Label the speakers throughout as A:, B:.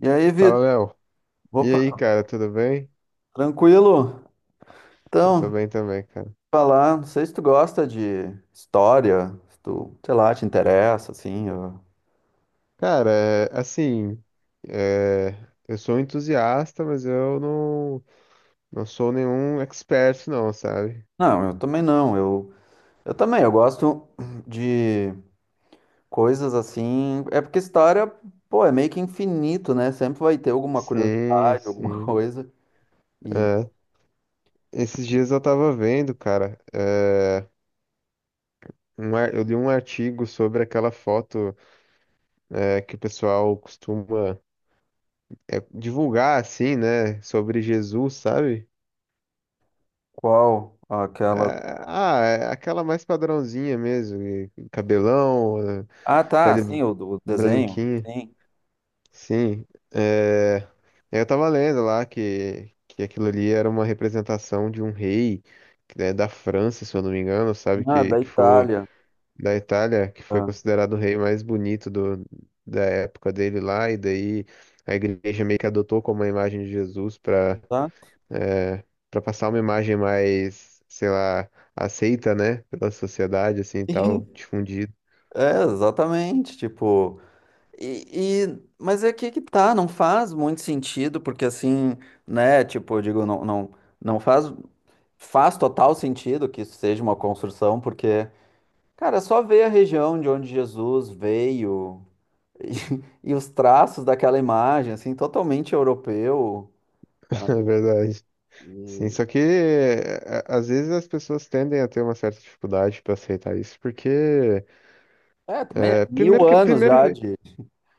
A: E aí, Vitor?
B: Fala, Léo. E aí,
A: Opa,
B: cara, tudo bem?
A: tranquilo?
B: Eu tô
A: Então,
B: bem também, cara.
A: falar, não sei se tu gosta de história, se tu, sei lá, te interessa, assim.
B: Cara, é, assim, é, eu sou um entusiasta, mas eu não, não sou nenhum expert, não, sabe?
A: Não, eu também não. Eu gosto de coisas assim. É porque história, pô, é meio que infinito, né? Sempre vai ter alguma
B: Sim,
A: curiosidade, alguma
B: sim.
A: coisa. E
B: É. Esses dias eu tava vendo, cara, eu li um artigo sobre aquela foto, que o pessoal costuma, divulgar, assim, né, sobre Jesus, sabe?
A: qual aquela.
B: É, Ah, é aquela mais padrãozinha mesmo, e cabelão,
A: Ah, tá, sim,
B: pele
A: o, do o desenho.
B: branquinha,
A: Sim.
B: sim. É, eu tava lendo lá que, aquilo ali era uma representação de um rei, né, da França, se eu não me engano, sabe?
A: Ah,
B: Que,
A: da
B: que foi
A: Itália.
B: da Itália, que foi
A: Ah,
B: considerado o rei mais bonito do, da época dele lá, e daí a igreja meio que adotou como a imagem de Jesus para
A: tá.
B: é, para passar uma imagem mais, sei lá, aceita, né, pela sociedade, assim, e tal,
A: Sim,
B: difundida,
A: é, exatamente. Tipo. Mas é que tá, não faz muito sentido, porque assim, né, tipo, eu digo, não faz, faz total sentido que isso seja uma construção, porque, cara, é só ver a região de onde Jesus veio e os traços daquela imagem, assim, totalmente europeu.
B: na verdade. Sim,
A: E,
B: só que é, às vezes as pessoas tendem a ter uma certa dificuldade para aceitar isso, porque
A: é, também é mil
B: primeiro que
A: anos
B: primeiro
A: já
B: que
A: de.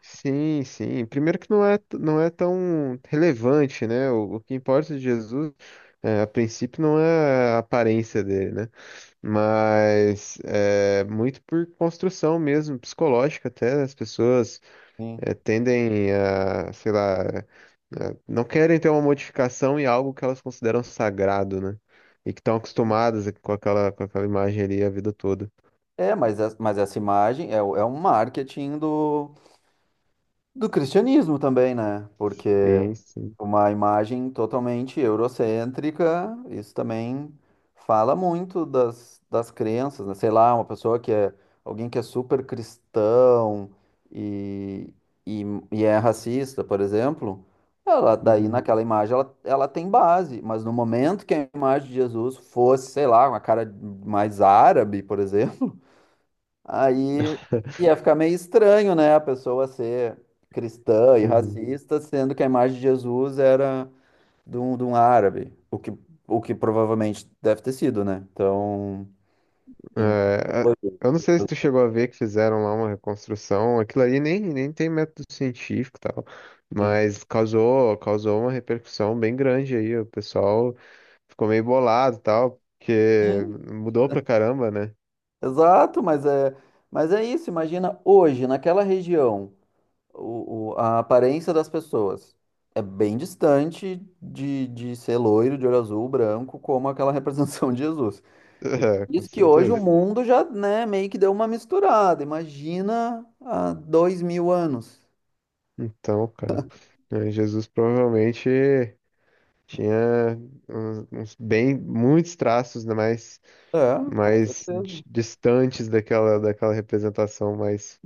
B: sim, sim, primeiro que não é tão relevante, né? O que importa de Jesus a princípio não é a aparência dele, né? Mas é muito por construção mesmo psicológica até as pessoas
A: Sim.
B: tendem a, sei lá, não querem ter uma modificação em algo que elas consideram sagrado, né? E que estão acostumadas com aquela imagem ali a vida toda.
A: É, mas, mas essa imagem é, é um marketing do, do cristianismo também, né? Porque.
B: Sim, sim.
A: Uma imagem totalmente eurocêntrica, isso também fala muito das, das crenças, né? Sei lá, uma pessoa que é alguém que é super cristão e, e, e é racista, por exemplo, ela daí
B: Uhum.
A: naquela imagem ela, ela tem base, mas no momento que a imagem de Jesus fosse, sei lá, uma cara mais árabe, por exemplo, aí ia ficar meio estranho, né? A pessoa ser cristã e
B: Uhum.
A: racista, sendo que a imagem de Jesus era de um árabe, o que provavelmente deve ter sido, né? Então, e não
B: É, a-
A: foi,
B: eu não sei se tu chegou a ver que fizeram lá uma reconstrução. Aquilo ali nem tem método científico e tal,
A: sim.
B: mas causou uma repercussão bem grande aí. O pessoal ficou meio bolado e tal, porque
A: Sim,
B: mudou pra caramba, né?
A: exato, mas é isso. Imagina hoje, naquela região, a aparência das pessoas é bem distante de ser loiro, de olho azul, branco, como aquela representação de Jesus.
B: É, com
A: Isso que hoje o
B: certeza.
A: mundo já, né, meio que deu uma misturada. Imagina há 2000 anos.
B: Então, cara, Jesus provavelmente tinha uns bem muitos traços, né, mais
A: É, com
B: mais
A: certeza.
B: distantes daquela representação mais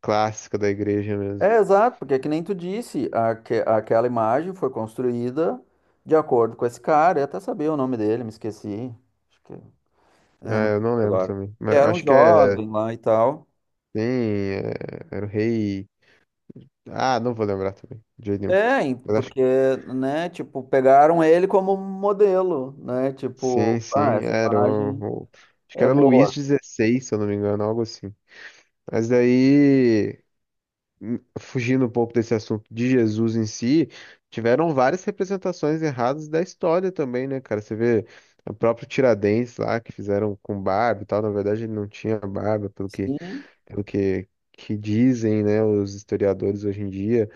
B: clássica da igreja mesmo.
A: É, exato, porque é que nem tu disse, aquela imagem foi construída de acordo com esse cara, eu até sabia o nome dele, me esqueci. Acho que é, não lembro
B: Ah, eu não lembro
A: agora.
B: também.
A: Que
B: Mas
A: era um
B: acho que é
A: jovem lá e tal.
B: tem era o rei. Ah, não vou lembrar também, de jeito nenhum.
A: É, e
B: Mas acho que
A: porque, né, tipo, pegaram ele como modelo, né?
B: sim,
A: Tipo,
B: sim,
A: ah, essa
B: era
A: imagem
B: acho que
A: é
B: era Luís
A: boa.
B: dezesseis se eu não me engano, algo assim. Mas daí fugindo um pouco desse assunto de Jesus em si, tiveram várias representações erradas da história também, né, cara? Você vê o próprio Tiradentes lá, que fizeram com barba e tal, na verdade ele não tinha barba, pelo que,
A: Sim.
B: pelo que, que dizem, né, os historiadores hoje em dia.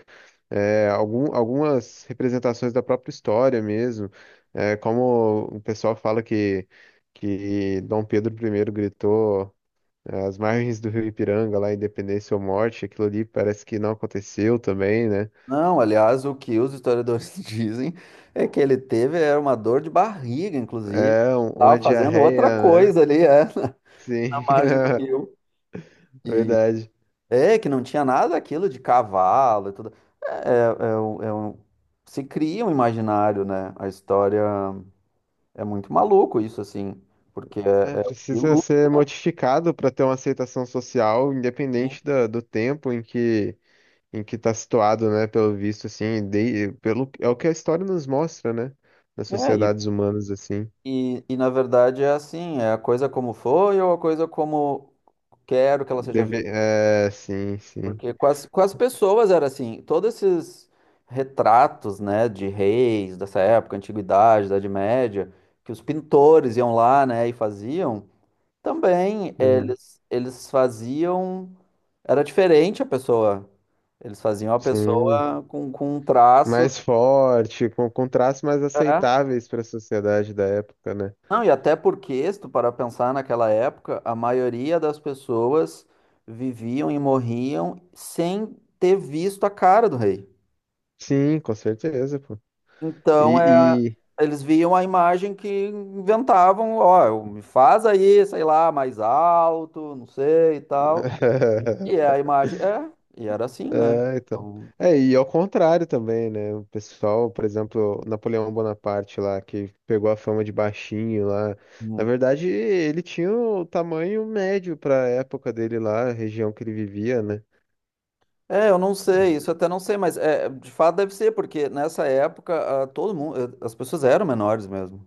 B: É, algumas representações da própria história mesmo, como o pessoal fala que, Dom Pedro I gritou As margens do Rio Ipiranga, lá, Independência ou Morte. Aquilo ali parece que não aconteceu também, né?
A: Não, aliás, o que os historiadores dizem é que ele teve era uma dor de barriga, inclusive.
B: É
A: Ele
B: uma
A: tava fazendo outra
B: diarreia, né?
A: coisa ali, é, na
B: Sim,
A: margem do rio.
B: verdade.
A: É, que não tinha nada aquilo de cavalo e tudo. É, é, é um- é um- Se cria um imaginário, né? A história é muito maluco isso, assim, porque
B: É,
A: é, é o que
B: precisa ser
A: ilustra,
B: modificado para ter uma aceitação social,
A: né?
B: independente do tempo em que está situado, né? Pelo visto, assim, é o que a história nos mostra, né? Das
A: É,
B: sociedades humanas, assim.
A: na verdade é assim, é a coisa como foi ou a coisa como quero que ela seja
B: Deve,
A: vista.
B: é, sim, sim.
A: Porque com as pessoas era assim, todos esses retratos, né, de reis dessa época, antiguidade, Idade Média, que os pintores iam lá, né, e faziam. Também
B: Uhum.
A: eles faziam. Era diferente a pessoa. Eles faziam a
B: Sim,
A: pessoa com um traço.
B: mais forte, com, traços mais
A: É.
B: aceitáveis para a sociedade da época, né?
A: Não, e até porque, se tu parar pra pensar naquela época, a maioria das pessoas viviam e morriam sem ter visto a cara do rei.
B: Sim, com certeza, pô.
A: Então é,
B: E, e...
A: eles viam a imagem que inventavam, ó, me faz aí, sei lá, mais alto, não sei e tal. E é a imagem, é, e era assim, né?
B: É, então.
A: Então,
B: É, e ao contrário também, né? O pessoal, por exemplo, Napoleão Bonaparte lá, que pegou a fama de baixinho lá. Na
A: hum.
B: verdade, ele tinha o tamanho médio para a época dele lá, a região que ele vivia, né?
A: É, eu não sei, isso eu até não sei, mas é, de fato deve ser, porque nessa época ah, todo mundo, as pessoas eram menores mesmo.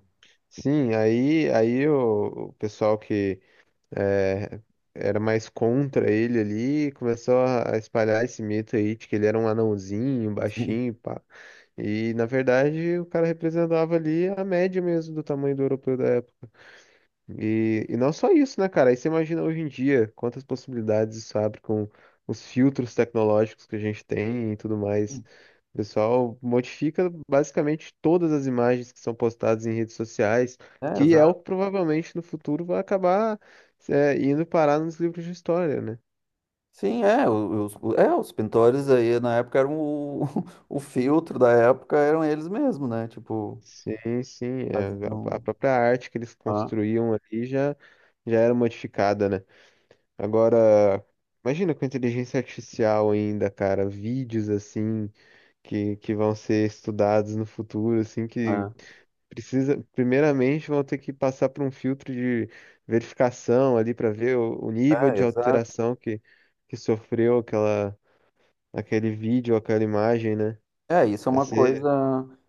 B: Sim, aí o pessoal que é, era mais contra ele ali, e começou a espalhar esse mito aí de que ele era um anãozinho, um
A: Sim.
B: baixinho, pá. E na verdade o cara representava ali a média mesmo do tamanho do europeu da época. E não só isso, né, cara? Aí você imagina hoje em dia quantas possibilidades isso abre com os filtros tecnológicos que a gente tem e tudo mais.
A: Sim.
B: O pessoal modifica basicamente todas as imagens que são postadas em redes sociais,
A: É,
B: que é o
A: exato.
B: que provavelmente no futuro vai acabar, indo parar nos livros de história, né?
A: Sim, é, é, os pintores aí na época eram o, o filtro da época, eram eles mesmo, né? Tipo,
B: Sim, sim. A
A: faziam.
B: própria arte que eles
A: Ah,
B: construíam ali já, era modificada, né? Agora, imagina com a inteligência artificial ainda, cara, vídeos assim que, vão ser estudados no futuro, assim, que precisa, primeiramente, vão ter que passar por um filtro de verificação ali para ver o
A: é,
B: nível
A: é,
B: de
A: exato.
B: alteração que, sofreu aquele vídeo, aquela imagem, né?
A: É, isso é
B: Vai
A: uma
B: ser,
A: coisa,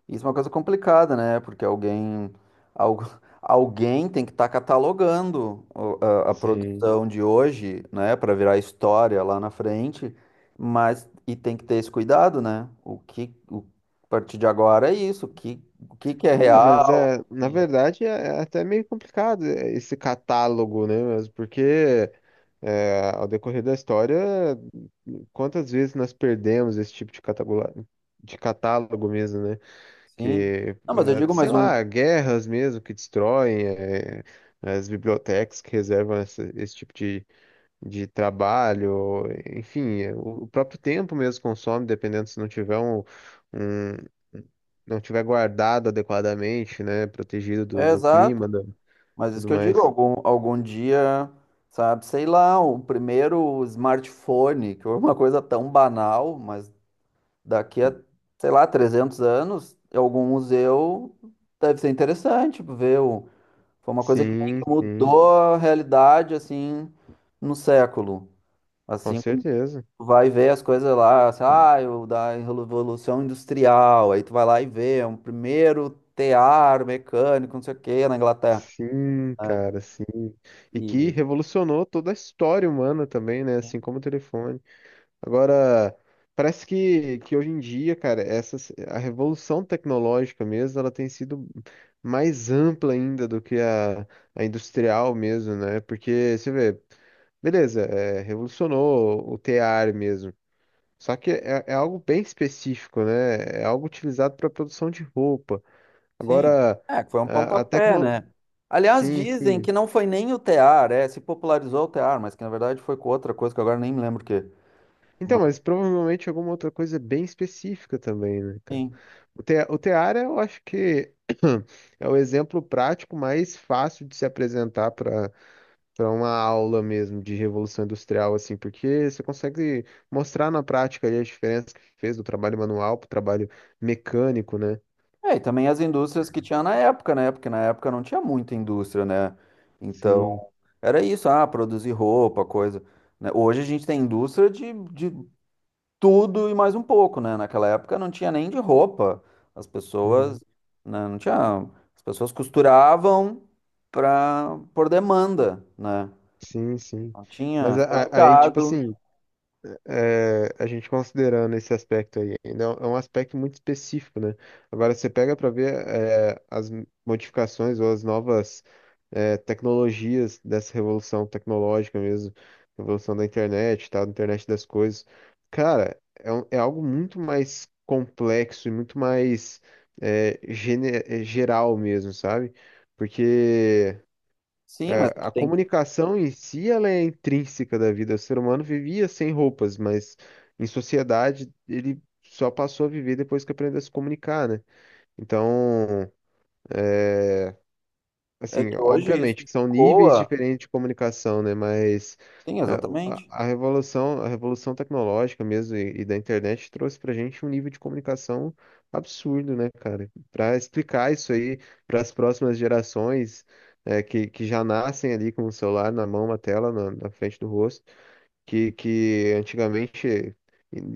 A: isso é uma coisa complicada, né? Porque alguém, algu- alguém tem que estar catalogando a
B: sim.
A: produção de hoje, né, para virar história lá na frente, mas e tem que ter esse cuidado, né? O que, a partir de agora é isso, o que que é
B: É, mas
A: real,
B: é, na verdade é até meio complicado é, esse catálogo, né? Mas porque ao decorrer da história, quantas vezes nós perdemos esse tipo de catálogo mesmo, né?
A: sim?
B: Que,
A: Não, mas eu digo
B: sei
A: mais
B: lá,
A: um,
B: guerras mesmo que destroem, as bibliotecas que reservam esse tipo de trabalho, enfim, o próprio tempo mesmo consome, dependendo se não tiver um, um- não tiver guardado adequadamente, né, protegido do,
A: é
B: do clima,
A: exato, mas isso
B: tudo
A: que eu digo,
B: mais.
A: algum, algum dia, sabe, sei lá, o primeiro smartphone, que é uma coisa tão banal, mas daqui a, sei lá, 300 anos, em algum museu deve ser interessante, tipo, ver o... Foi uma coisa que meio
B: Sim,
A: que
B: sim,
A: mudou a realidade, assim, no século.
B: com
A: Assim, como
B: certeza.
A: tu vai ver as coisas lá, assim, ah, o da Revolução Industrial, aí tu vai lá e vê, é um primeiro tear mecânico, não sei o quê, na Inglaterra.
B: Sim,
A: Né?
B: cara, sim. E que
A: E,
B: revolucionou toda a história humana também, né? Assim como o telefone. Agora, parece que, hoje em dia, cara, a revolução tecnológica mesmo, ela tem sido mais ampla ainda do que a industrial mesmo, né? Porque, você vê, beleza, revolucionou o tear mesmo. Só que é algo bem específico, né? É algo utilizado para produção de roupa.
A: sim,
B: Agora,
A: é, que foi um
B: a
A: pontapé,
B: tecno...
A: né? Aliás,
B: Sim,
A: dizem
B: sim.
A: que não foi nem o tear, é, se popularizou o tear, mas que na verdade foi com outra coisa que agora nem me lembro o quê.
B: Então,
A: Mas,
B: mas provavelmente alguma outra coisa bem específica também, né, cara?
A: sim.
B: O Teara, eu acho que é o exemplo prático mais fácil de se apresentar para uma aula mesmo de Revolução Industrial, assim, porque você consegue mostrar na prática ali a diferença que fez do trabalho manual para o trabalho mecânico, né?
A: É, e também as indústrias que tinha na época, né? Porque na época não tinha muita indústria, né? Então,
B: Sim,
A: era isso, ah, produzir roupa, coisa. Né? Hoje a gente tem indústria de tudo e mais um pouco, né? Naquela época não tinha nem de roupa. As pessoas,
B: uhum.
A: né, não tinha. As pessoas costuravam pra, por demanda, né?
B: Sim, sim.
A: Não tinha
B: Mas aí, tipo
A: supermercado.
B: assim, a gente considerando esse aspecto aí, ainda é um aspecto muito específico, né? Agora você pega para ver as modificações ou as novas tecnologias dessa revolução tecnológica mesmo, revolução da internet, tal, da internet das coisas. Cara, é algo muito mais complexo e muito mais geral mesmo, sabe? Porque
A: Sim, mas é que
B: a
A: tem,
B: comunicação em si, ela é intrínseca da vida. O ser humano vivia sem roupas, mas em sociedade ele só passou a viver depois que aprendeu a se comunicar, né? Então,
A: é
B: assim,
A: que hoje isso
B: obviamente que são níveis
A: ecoa.
B: diferentes de comunicação, né? Mas
A: Sim, exatamente.
B: a revolução tecnológica mesmo e da internet trouxe pra gente um nível de comunicação absurdo, né, cara? Para explicar isso aí para as próximas gerações que, já nascem ali com o celular na mão, uma tela na frente do rosto, que, antigamente,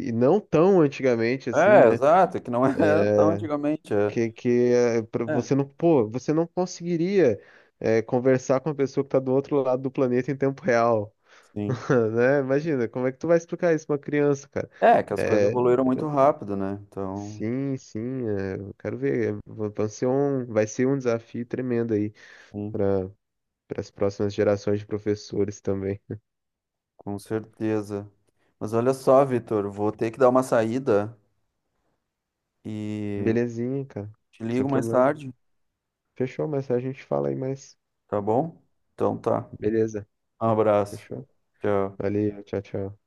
B: e não tão antigamente assim,
A: É,
B: né?
A: exato, que não é tão antigamente. É,
B: Que, pra
A: é,
B: você não, pô, você não conseguiria conversar com a pessoa que está do outro lado do planeta em tempo real,
A: sim.
B: né? Imagina, como é que tu vai explicar isso pra uma criança, cara?
A: É, que as coisas
B: É,
A: evoluíram muito rápido, né? Então,
B: sim, sim, eu quero ver, vai ser um desafio tremendo aí
A: sim,
B: para as próximas gerações de professores também.
A: com certeza. Mas olha só, Vitor, vou ter que dar uma saída e
B: Belezinha, cara,
A: te
B: sem
A: ligo mais
B: problema.
A: tarde,
B: Fechou, mas a gente fala aí mais.
A: tá bom? Então tá.
B: Beleza,
A: Um abraço.
B: fechou?
A: Tchau.
B: Valeu, tchau, tchau.